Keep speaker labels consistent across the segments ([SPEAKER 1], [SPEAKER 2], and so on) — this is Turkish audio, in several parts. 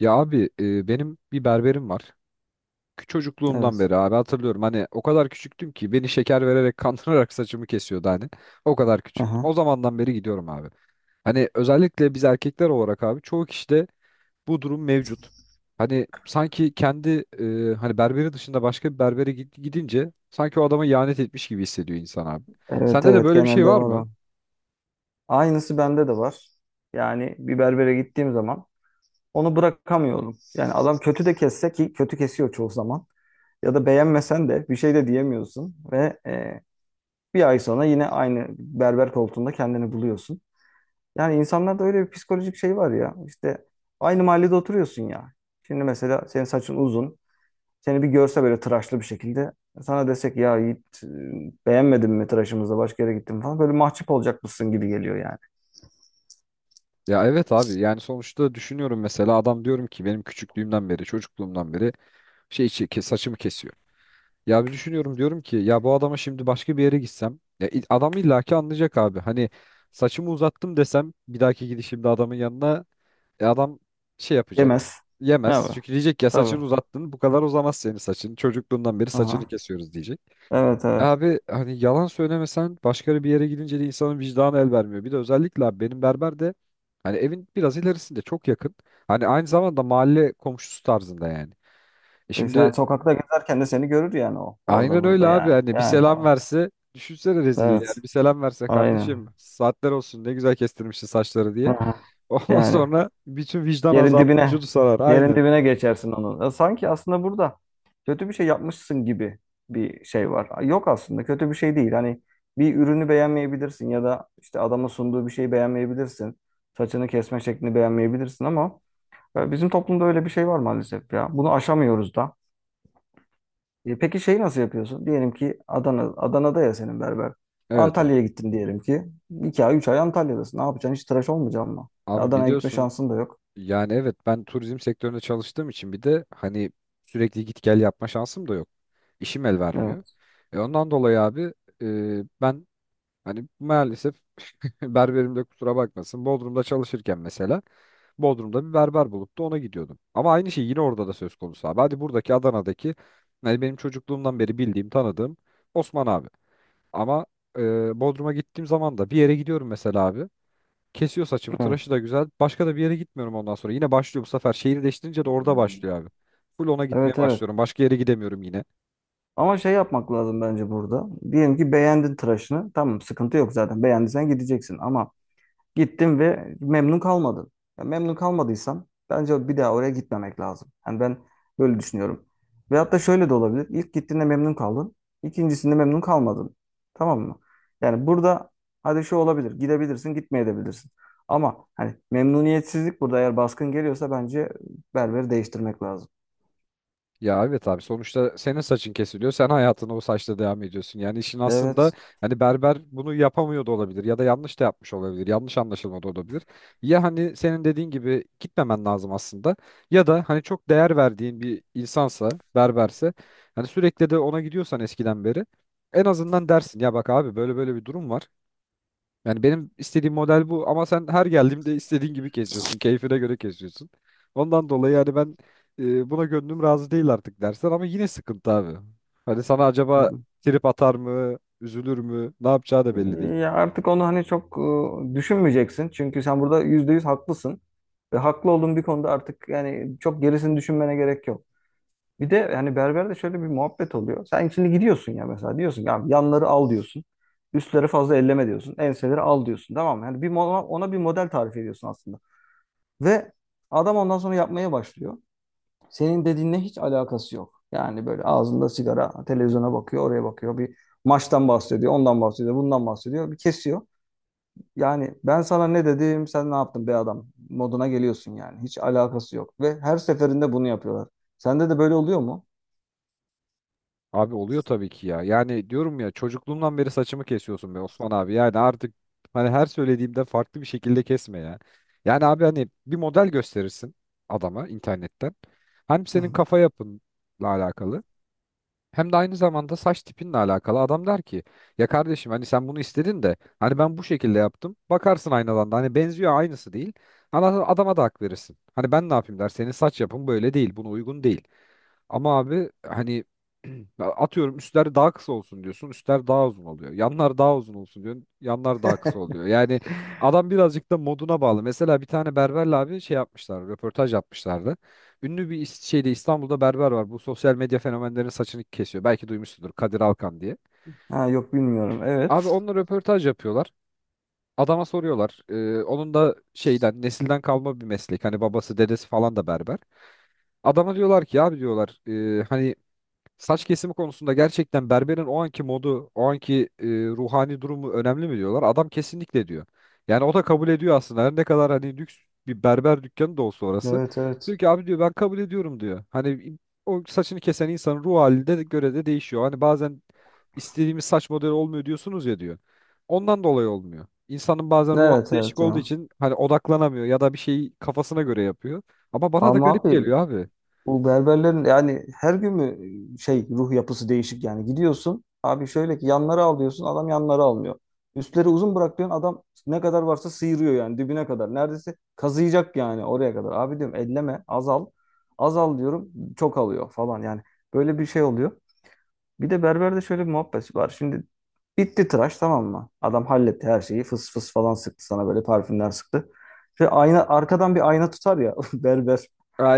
[SPEAKER 1] Ya abi benim bir berberim var. Çocukluğumdan
[SPEAKER 2] Evet.
[SPEAKER 1] beri abi hatırlıyorum. Hani o kadar küçüktüm ki beni şeker vererek kandırarak saçımı kesiyordu hani. O kadar küçüktüm.
[SPEAKER 2] Aha.
[SPEAKER 1] O zamandan beri gidiyorum abi. Hani özellikle biz erkekler olarak abi çoğu kişide bu durum mevcut. Hani sanki kendi hani berberi dışında başka bir berbere gidince sanki o adama ihanet etmiş gibi hissediyor insan abi.
[SPEAKER 2] Evet
[SPEAKER 1] Sende de
[SPEAKER 2] evet
[SPEAKER 1] böyle bir şey
[SPEAKER 2] genelde
[SPEAKER 1] var
[SPEAKER 2] var
[SPEAKER 1] mı?
[SPEAKER 2] o. Aynısı bende de var. Yani bir berbere gittiğim zaman onu bırakamıyorum. Yani adam kötü de kesse ki kötü kesiyor çoğu zaman. Ya da beğenmesen de bir şey de diyemiyorsun. Ve bir ay sonra yine aynı berber koltuğunda kendini buluyorsun. Yani insanlarda öyle bir psikolojik şey var ya. İşte aynı mahallede oturuyorsun ya. Şimdi mesela senin saçın uzun. Seni bir görse böyle tıraşlı bir şekilde sana desek ya Yiğit beğenmedin mi tıraşımızda başka yere gittin mi falan böyle mahcup olacak mısın gibi geliyor yani.
[SPEAKER 1] Ya evet abi yani sonuçta düşünüyorum mesela adam diyorum ki benim küçüklüğümden beri çocukluğumdan beri saçımı kesiyor. Ya bir düşünüyorum diyorum ki ya bu adama şimdi başka bir yere gitsem ya adam illaki anlayacak abi. Hani saçımı uzattım desem bir dahaki gidişimde adamın yanına adam şey yapacak.
[SPEAKER 2] Yemez.
[SPEAKER 1] Yemez.
[SPEAKER 2] Evet.
[SPEAKER 1] Çünkü diyecek ya
[SPEAKER 2] Tabii.
[SPEAKER 1] saçını uzattın bu kadar uzamaz senin saçın. Çocukluğundan beri saçını
[SPEAKER 2] Aha.
[SPEAKER 1] kesiyoruz diyecek.
[SPEAKER 2] Evet evet.
[SPEAKER 1] Abi hani yalan söylemesen başka bir yere gidince de insanın vicdanı el vermiyor. Bir de özellikle abi benim berber de hani evin biraz ilerisinde çok yakın. Hani aynı zamanda mahalle komşusu tarzında yani. E
[SPEAKER 2] E,
[SPEAKER 1] şimdi.
[SPEAKER 2] sen sokakta gezerken de seni görür yani o. Orada
[SPEAKER 1] Aynen öyle
[SPEAKER 2] burada
[SPEAKER 1] abi
[SPEAKER 2] yani.
[SPEAKER 1] hani bir
[SPEAKER 2] Yani.
[SPEAKER 1] selam verse düşünsene rezilliği yani
[SPEAKER 2] Evet.
[SPEAKER 1] bir selam verse kardeşim
[SPEAKER 2] Aynen.
[SPEAKER 1] saatler olsun ne güzel kestirmişsin saçları diye.
[SPEAKER 2] Aha.
[SPEAKER 1] Ondan
[SPEAKER 2] Yani.
[SPEAKER 1] sonra bütün vicdan
[SPEAKER 2] Yerin
[SPEAKER 1] azabı
[SPEAKER 2] dibine,
[SPEAKER 1] vücudu sarar
[SPEAKER 2] yerin
[SPEAKER 1] aynen.
[SPEAKER 2] dibine geçersin onu. Ya sanki aslında burada kötü bir şey yapmışsın gibi bir şey var. Yok aslında kötü bir şey değil. Hani bir ürünü beğenmeyebilirsin ya da işte adamın sunduğu bir şeyi beğenmeyebilirsin. Saçını kesme şeklini beğenmeyebilirsin ama bizim toplumda öyle bir şey var maalesef ya. Bunu aşamıyoruz da. E, peki şeyi nasıl yapıyorsun? Diyelim ki Adana'da ya senin berber.
[SPEAKER 1] Evet abi.
[SPEAKER 2] Antalya'ya gittin diyelim ki. 2 ay 3 ay Antalya'dasın. Ne yapacaksın? Hiç tıraş olmayacaksın mı? E,
[SPEAKER 1] Abi
[SPEAKER 2] Adana'ya gitme
[SPEAKER 1] biliyorsun
[SPEAKER 2] şansın da yok.
[SPEAKER 1] yani evet ben turizm sektöründe çalıştığım için bir de hani sürekli git gel yapma şansım da yok. İşim el vermiyor.
[SPEAKER 2] Evet.
[SPEAKER 1] E ondan dolayı abi ben hani maalesef berberim de kusura bakmasın Bodrum'da çalışırken mesela Bodrum'da bir berber bulup da ona gidiyordum. Ama aynı şey yine orada da söz konusu abi. Hadi buradaki Adana'daki yani benim çocukluğumdan beri bildiğim, tanıdığım Osman abi. Ama Bodrum'a gittiğim zaman da bir yere gidiyorum mesela abi. Kesiyor saçımı,
[SPEAKER 2] Evet.
[SPEAKER 1] tıraşı da güzel. Başka da bir yere gitmiyorum ondan sonra. Yine başlıyor bu sefer. Şehir değiştirince de orada başlıyor abi. Full ona gitmeye
[SPEAKER 2] Evet evet.
[SPEAKER 1] başlıyorum. Başka yere gidemiyorum yine.
[SPEAKER 2] Ama şey yapmak lazım bence burada. Diyelim ki beğendin tıraşını. Tamam, sıkıntı yok zaten. Beğendiysen gideceksin. Ama gittin ve memnun kalmadın. Ya memnun kalmadıysan bence bir daha oraya gitmemek lazım. Yani ben böyle düşünüyorum. Ve hatta şöyle de olabilir. İlk gittiğinde memnun kaldın. İkincisinde memnun kalmadın. Tamam mı? Yani burada hadi şu olabilir. Gidebilirsin, gitmeyebilirsin. Ama hani memnuniyetsizlik burada eğer baskın geliyorsa bence berberi değiştirmek lazım.
[SPEAKER 1] Ya evet abi sonuçta senin saçın kesiliyor. Sen hayatına o saçla devam ediyorsun. Yani işin aslında
[SPEAKER 2] Evet.
[SPEAKER 1] hani berber bunu yapamıyor da olabilir ya da yanlış da yapmış olabilir. Yanlış anlaşılma da olabilir. Ya hani senin dediğin gibi gitmemen lazım aslında ya da hani çok değer verdiğin bir insansa, berberse hani sürekli de ona gidiyorsan eskiden beri en azından dersin ya bak abi böyle böyle bir durum var. Yani benim istediğim model bu ama sen her geldiğimde istediğin gibi kesiyorsun. Keyfine göre kesiyorsun. Ondan dolayı yani ben buna gönlüm razı değil artık dersen ama yine sıkıntı abi. Hani sana acaba trip atar mı, üzülür mü, ne yapacağı da belli değil.
[SPEAKER 2] Ya artık onu hani çok düşünmeyeceksin. Çünkü sen burada %100 haklısın. Ve haklı olduğun bir konuda artık yani çok gerisini düşünmene gerek yok. Bir de yani berberde şöyle bir muhabbet oluyor. Sen şimdi gidiyorsun ya mesela diyorsun ki abi yanları al diyorsun. Üstleri fazla elleme diyorsun. Enseleri al diyorsun. Tamam mı? Yani ona bir model tarif ediyorsun aslında. Ve adam ondan sonra yapmaya başlıyor. Senin dediğinle hiç alakası yok. Yani böyle ağzında sigara, televizyona bakıyor, oraya bakıyor. Bir maçtan bahsediyor, ondan bahsediyor, bundan bahsediyor. Bir kesiyor. Yani ben sana ne dedim, sen ne yaptın be adam moduna geliyorsun yani. Hiç alakası yok ve her seferinde bunu yapıyorlar. Sende de böyle oluyor mu?
[SPEAKER 1] Abi oluyor tabii ki ya. Yani diyorum ya çocukluğumdan beri saçımı kesiyorsun be Osman abi. Yani artık hani her söylediğimde farklı bir şekilde kesme ya. Yani abi hani bir model gösterirsin adama internetten. Hem
[SPEAKER 2] Hı
[SPEAKER 1] senin
[SPEAKER 2] hı.
[SPEAKER 1] kafa yapınla alakalı. Hem de aynı zamanda saç tipinle alakalı. Adam der ki ya kardeşim hani sen bunu istedin de hani ben bu şekilde yaptım. Bakarsın aynadan da hani benziyor aynısı değil. Adama da hak verirsin. Hani ben ne yapayım der senin saç yapın böyle değil buna uygun değil. Ama abi hani atıyorum üstler daha kısa olsun diyorsun. Üstler daha uzun oluyor. Yanlar daha uzun olsun diyorsun. Yanlar daha kısa oluyor. Yani adam birazcık da moduna bağlı. Mesela bir tane berberle abi şey yapmışlar. Röportaj yapmışlardı. Ünlü bir şeyde İstanbul'da berber var. Bu sosyal medya fenomenlerinin saçını kesiyor. Belki duymuşsundur Kadir Alkan diye.
[SPEAKER 2] Ha yok bilmiyorum.
[SPEAKER 1] Abi
[SPEAKER 2] Evet.
[SPEAKER 1] onunla röportaj yapıyorlar. Adama soruyorlar. Onun da şeyden nesilden kalma bir meslek. Hani babası dedesi falan da berber. Adama diyorlar ki abi diyorlar hani saç kesimi konusunda gerçekten berberin o anki modu, o anki ruhani durumu önemli mi diyorlar? Adam kesinlikle diyor. Yani o da kabul ediyor aslında. Her ne kadar hani lüks bir berber dükkanı da olsa orası.
[SPEAKER 2] Evet evet.
[SPEAKER 1] Diyor ki abi diyor ben kabul ediyorum diyor. Hani o saçını kesen insanın ruh haline de göre de değişiyor. Hani bazen istediğimiz saç modeli olmuyor diyorsunuz ya diyor. Ondan dolayı olmuyor. İnsanın bazen ruh
[SPEAKER 2] Evet
[SPEAKER 1] hali değişik
[SPEAKER 2] evet
[SPEAKER 1] olduğu
[SPEAKER 2] ya.
[SPEAKER 1] için hani odaklanamıyor ya da bir şeyi kafasına göre yapıyor. Ama bana da
[SPEAKER 2] Ama
[SPEAKER 1] garip
[SPEAKER 2] abi
[SPEAKER 1] geliyor abi.
[SPEAKER 2] bu berberlerin yani her gün mü şey ruh yapısı değişik yani gidiyorsun abi şöyle ki yanları al diyorsun adam yanları almıyor. Üstleri uzun bırak diyorsun adam ne kadar varsa sıyırıyor yani dibine kadar. Neredeyse kazıyacak yani oraya kadar. Abi diyorum elleme azal. Azal diyorum çok alıyor falan yani böyle bir şey oluyor. Bir de berberde şöyle bir muhabbet var. Şimdi bitti tıraş tamam mı? Adam halletti her şeyi fıs fıs falan sıktı sana böyle parfümler sıktı. Ve ayna arkadan bir ayna tutar ya berber.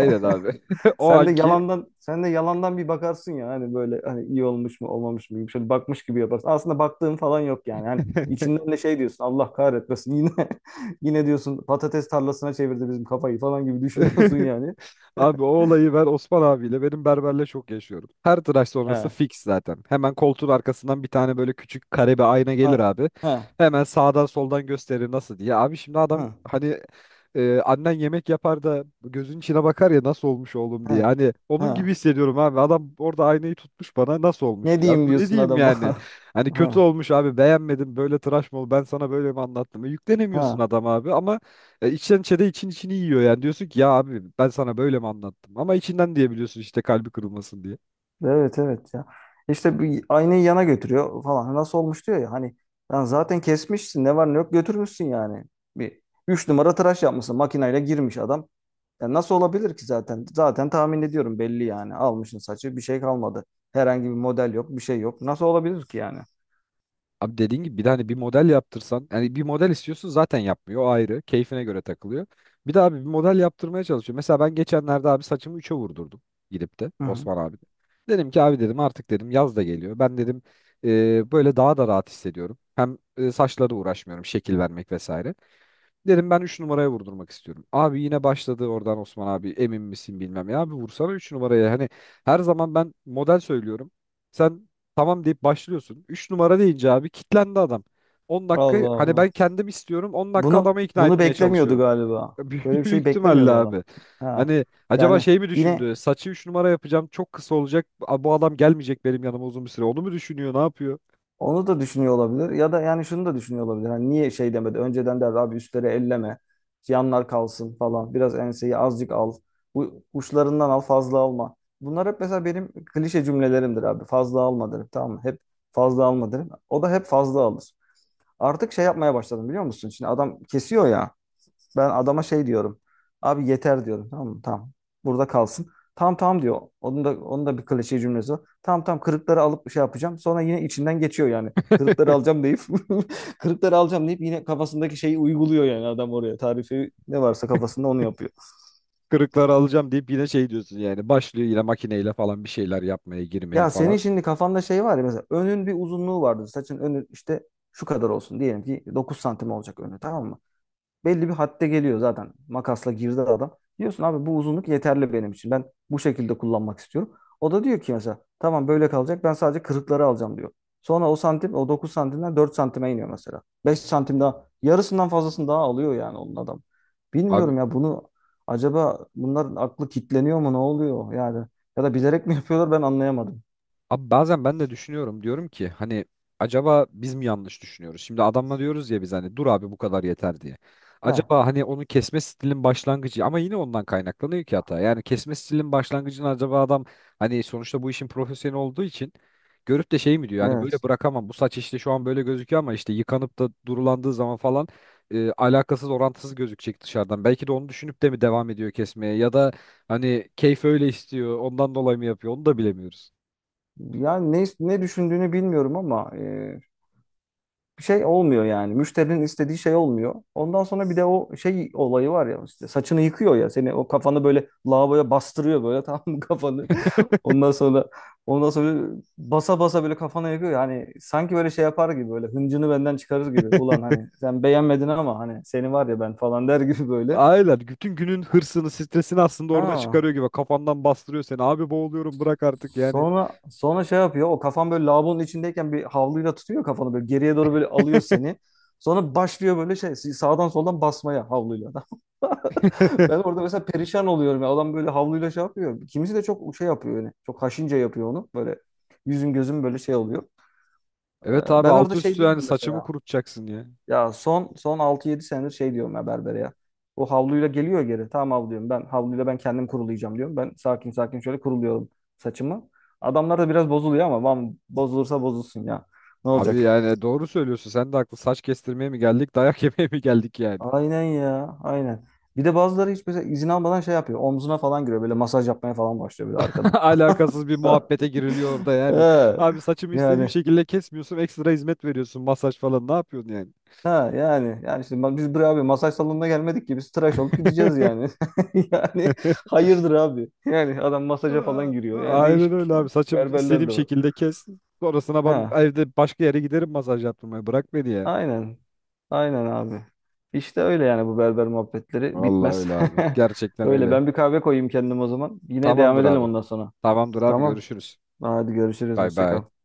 [SPEAKER 1] abi. O
[SPEAKER 2] Sen de
[SPEAKER 1] anki.
[SPEAKER 2] yalandan sen de yalandan bir bakarsın ya hani böyle hani iyi olmuş mu olmamış mı gibi şöyle bakmış gibi yaparsın. Aslında baktığın falan yok yani. Hani içinden de şey diyorsun Allah kahretmesin yine yine diyorsun patates tarlasına çevirdi bizim kafayı falan gibi düşünüyorsun yani.
[SPEAKER 1] Abi o olayı ben Osman abiyle benim berberle çok yaşıyorum. Her tıraş sonrası
[SPEAKER 2] He.
[SPEAKER 1] fix zaten. Hemen koltuğun arkasından bir tane böyle küçük kare bir ayna
[SPEAKER 2] A-
[SPEAKER 1] gelir abi.
[SPEAKER 2] he.
[SPEAKER 1] Hemen sağdan soldan gösterir nasıl diye. Abi şimdi adam
[SPEAKER 2] He.
[SPEAKER 1] hani annen yemek yapar da gözün içine bakar ya nasıl olmuş oğlum
[SPEAKER 2] He.
[SPEAKER 1] diye. Hani onun
[SPEAKER 2] He.
[SPEAKER 1] gibi hissediyorum abi. Adam orada aynayı tutmuş bana nasıl olmuş
[SPEAKER 2] Ne
[SPEAKER 1] diyor.
[SPEAKER 2] diyeyim
[SPEAKER 1] Abi ne
[SPEAKER 2] diyorsun
[SPEAKER 1] diyeyim
[SPEAKER 2] adama.
[SPEAKER 1] yani? Hani kötü
[SPEAKER 2] He.
[SPEAKER 1] olmuş abi beğenmedim böyle tıraş mı oldu ben sana böyle mi anlattım? E, yüklenemiyorsun
[SPEAKER 2] He.
[SPEAKER 1] adam abi ama içten içe de için içini yiyor yani. Diyorsun ki ya abi ben sana böyle mi anlattım? Ama içinden diyebiliyorsun işte kalbi kırılmasın diye.
[SPEAKER 2] Evet evet ya. İşte bir aynayı yana götürüyor falan. Nasıl olmuş diyor ya hani lan zaten kesmişsin ne var ne yok götürmüşsün yani. Bir 3 numara tıraş yapmışsın makineyle girmiş adam. Ya nasıl olabilir ki zaten? Zaten tahmin ediyorum belli yani. Almışsın saçı bir şey kalmadı. Herhangi bir model yok bir şey yok. Nasıl olabilir ki yani?
[SPEAKER 1] Abi dediğin gibi bir de hani bir model yaptırsan yani bir model istiyorsun zaten yapmıyor o ayrı. Keyfine göre takılıyor. Bir de abi bir model yaptırmaya çalışıyor. Mesela ben geçenlerde abi saçımı 3'e vurdurdum gidip de
[SPEAKER 2] Hı hı.
[SPEAKER 1] Osman abi de. Dedim ki abi dedim artık dedim yaz da geliyor. Ben dedim böyle daha da rahat hissediyorum. Hem saçlara uğraşmıyorum şekil vermek vesaire. Derim ben 3 numaraya vurdurmak istiyorum. Abi yine başladı oradan Osman abi emin misin bilmem ya. Abi vursana 3 numaraya. Hani her zaman ben model söylüyorum. Sen tamam deyip başlıyorsun. 3 numara deyince abi kitlendi adam. on
[SPEAKER 2] Allah
[SPEAKER 1] dakika hani
[SPEAKER 2] Allah.
[SPEAKER 1] ben kendim istiyorum 10 dakika
[SPEAKER 2] Bunu
[SPEAKER 1] adamı ikna
[SPEAKER 2] bunu
[SPEAKER 1] etmeye
[SPEAKER 2] beklemiyordu
[SPEAKER 1] çalışıyorum.
[SPEAKER 2] galiba. Böyle bir
[SPEAKER 1] Büyük
[SPEAKER 2] şey
[SPEAKER 1] ihtimalle
[SPEAKER 2] beklemiyordu adam.
[SPEAKER 1] abi.
[SPEAKER 2] Ha.
[SPEAKER 1] Hani acaba
[SPEAKER 2] Yani
[SPEAKER 1] şey mi
[SPEAKER 2] yine
[SPEAKER 1] düşündü? Saçı 3 numara yapacağım çok kısa olacak. Bu adam gelmeyecek benim yanıma uzun bir süre. Onu mu düşünüyor ne yapıyor?
[SPEAKER 2] onu da düşünüyor olabilir. Ya da yani şunu da düşünüyor olabilir. Hani niye şey demedi? Önceden derdi abi üstleri elleme. Yanlar kalsın falan. Biraz enseyi azıcık al. Bu uçlarından al fazla alma. Bunlar hep mesela benim klişe cümlelerimdir abi. Fazla alma derim tamam mı? Hep fazla alma derim. O da hep fazla alır. Artık şey yapmaya başladım biliyor musun? Şimdi adam kesiyor ya. Ben adama şey diyorum. Abi yeter diyorum. Tamam mı? Tamam. Burada kalsın. Tamam tamam diyor. Onun da bir klişe cümlesi var. Tamam tamam kırıkları alıp şey yapacağım. Sonra yine içinden geçiyor yani. Kırıkları alacağım deyip kırıkları alacağım deyip yine kafasındaki şeyi uyguluyor yani adam oraya. Tarifi ne varsa kafasında onu yapıyor.
[SPEAKER 1] Kırıkları alacağım deyip yine şey diyorsun yani başlıyor yine makineyle falan bir şeyler yapmaya girmeye
[SPEAKER 2] Ya senin
[SPEAKER 1] falan.
[SPEAKER 2] şimdi kafanda şey var ya mesela önün bir uzunluğu vardır. Saçın önü işte şu kadar olsun. Diyelim ki 9 santim olacak önü tamam mı? Belli bir hadde geliyor zaten. Makasla girdi adam. Diyorsun abi bu uzunluk yeterli benim için. Ben bu şekilde kullanmak istiyorum. O da diyor ki mesela tamam böyle kalacak. Ben sadece kırıkları alacağım diyor. Sonra o santim o 9 santimden 4 santime iniyor mesela. 5 santim daha yarısından fazlasını daha alıyor yani onun adam.
[SPEAKER 1] Abi
[SPEAKER 2] Bilmiyorum ya bunu acaba bunların aklı kitleniyor mu ne oluyor yani ya da bilerek mi yapıyorlar ben anlayamadım.
[SPEAKER 1] Abi bazen ben de düşünüyorum diyorum ki hani acaba biz mi yanlış düşünüyoruz? Şimdi adamla diyoruz ya biz hani dur abi bu kadar yeter diye.
[SPEAKER 2] He,
[SPEAKER 1] Acaba hani onu kesme stilin başlangıcı ama yine ondan kaynaklanıyor ki hata. Yani kesme stilin başlangıcını acaba adam hani sonuçta bu işin profesyoneli olduğu için görüp de şey mi diyor yani
[SPEAKER 2] evet.
[SPEAKER 1] böyle bırakamam bu saç işte şu an böyle gözüküyor ama işte yıkanıp da durulandığı zaman falan alakasız orantısız gözükecek dışarıdan. Belki de onu düşünüp de mi devam ediyor kesmeye ya da hani keyfi öyle istiyor ondan dolayı mı yapıyor onu da bilemiyoruz.
[SPEAKER 2] Yani ne ne düşündüğünü bilmiyorum ama bir şey olmuyor yani. Müşterinin istediği şey olmuyor. Ondan sonra bir de o şey olayı var ya işte saçını yıkıyor ya seni o kafanı böyle lavaboya bastırıyor böyle tamam mı kafanı. Ondan sonra ondan sonra basa basa böyle kafana yakıyor yani sanki böyle şey yapar gibi böyle hıncını benden çıkarır gibi. Ulan hani sen beğenmedin ama hani seni var ya ben falan der gibi böyle.
[SPEAKER 1] Aynen. Bütün günün hırsını, stresini aslında orada
[SPEAKER 2] Ha.
[SPEAKER 1] çıkarıyor gibi. Kafandan bastırıyor seni. Abi boğuluyorum bırak artık yani.
[SPEAKER 2] Sonra şey yapıyor o kafan böyle lavabonun içindeyken bir havluyla tutuyor kafanı böyle geriye doğru böyle alıyor seni. Sonra başlıyor böyle şey sağdan soldan basmaya havluyla. Ben orada mesela perişan oluyorum. Ya. Adam böyle havluyla şey yapıyor. Kimisi de çok şey yapıyor yani. Çok haşince yapıyor onu. Böyle yüzüm gözüm böyle şey oluyor.
[SPEAKER 1] Evet abi
[SPEAKER 2] Ben orada
[SPEAKER 1] altı
[SPEAKER 2] şey
[SPEAKER 1] üstü yani
[SPEAKER 2] diyorum
[SPEAKER 1] saçımı
[SPEAKER 2] mesela.
[SPEAKER 1] kurutacaksın ya.
[SPEAKER 2] Ya son son 6-7 senedir şey diyorum ya berbere ya. O havluyla geliyor geri. Tamam havluyum. Ben havluyla ben kendim kurulayacağım diyorum. Ben sakin sakin şöyle kuruluyorum saçımı. Adamlar da biraz bozuluyor ama "Vam, bozulursa bozulsun ya. Ne olacak?
[SPEAKER 1] Abi yani doğru söylüyorsun. Sen de haklı. Saç kestirmeye mi geldik, dayak yemeye mi geldik yani?
[SPEAKER 2] Aynen ya. Aynen. Bir de bazıları hiç mesela izin almadan şey yapıyor. Omzuna falan giriyor. Böyle masaj yapmaya falan başlıyor böyle arkadan.
[SPEAKER 1] Alakasız bir muhabbete giriliyor orada yani.
[SPEAKER 2] Ha,
[SPEAKER 1] Abi saçımı istediğim
[SPEAKER 2] yani
[SPEAKER 1] şekilde kesmiyorsun, ekstra hizmet veriyorsun, masaj falan. Ne yapıyorsun yani?
[SPEAKER 2] yani işte bak biz buraya abi masaj salonuna gelmedik ki biz tıraş olup gideceğiz yani. Yani hayırdır abi. Yani adam masaja falan
[SPEAKER 1] Aa,
[SPEAKER 2] giriyor. Yani
[SPEAKER 1] aynen
[SPEAKER 2] değişik
[SPEAKER 1] öyle abi. Saçımı
[SPEAKER 2] berberler
[SPEAKER 1] istediğim
[SPEAKER 2] de var.
[SPEAKER 1] şekilde kes. Sonrasına ben
[SPEAKER 2] Ha
[SPEAKER 1] evde başka yere giderim masaj yaptırmaya. Bırak beni ya.
[SPEAKER 2] aynen. Aynen abi. İşte öyle yani bu berber muhabbetleri
[SPEAKER 1] Vallahi
[SPEAKER 2] bitmez.
[SPEAKER 1] öyle abi. Gerçekten
[SPEAKER 2] Öyle
[SPEAKER 1] öyle.
[SPEAKER 2] ben bir kahve koyayım kendim o zaman. Yine devam
[SPEAKER 1] Tamamdır
[SPEAKER 2] edelim
[SPEAKER 1] abi.
[SPEAKER 2] ondan sonra.
[SPEAKER 1] Tamamdır abi
[SPEAKER 2] Tamam.
[SPEAKER 1] görüşürüz.
[SPEAKER 2] Hadi görüşürüz.
[SPEAKER 1] Bay
[SPEAKER 2] Hoşça
[SPEAKER 1] bay.
[SPEAKER 2] kal.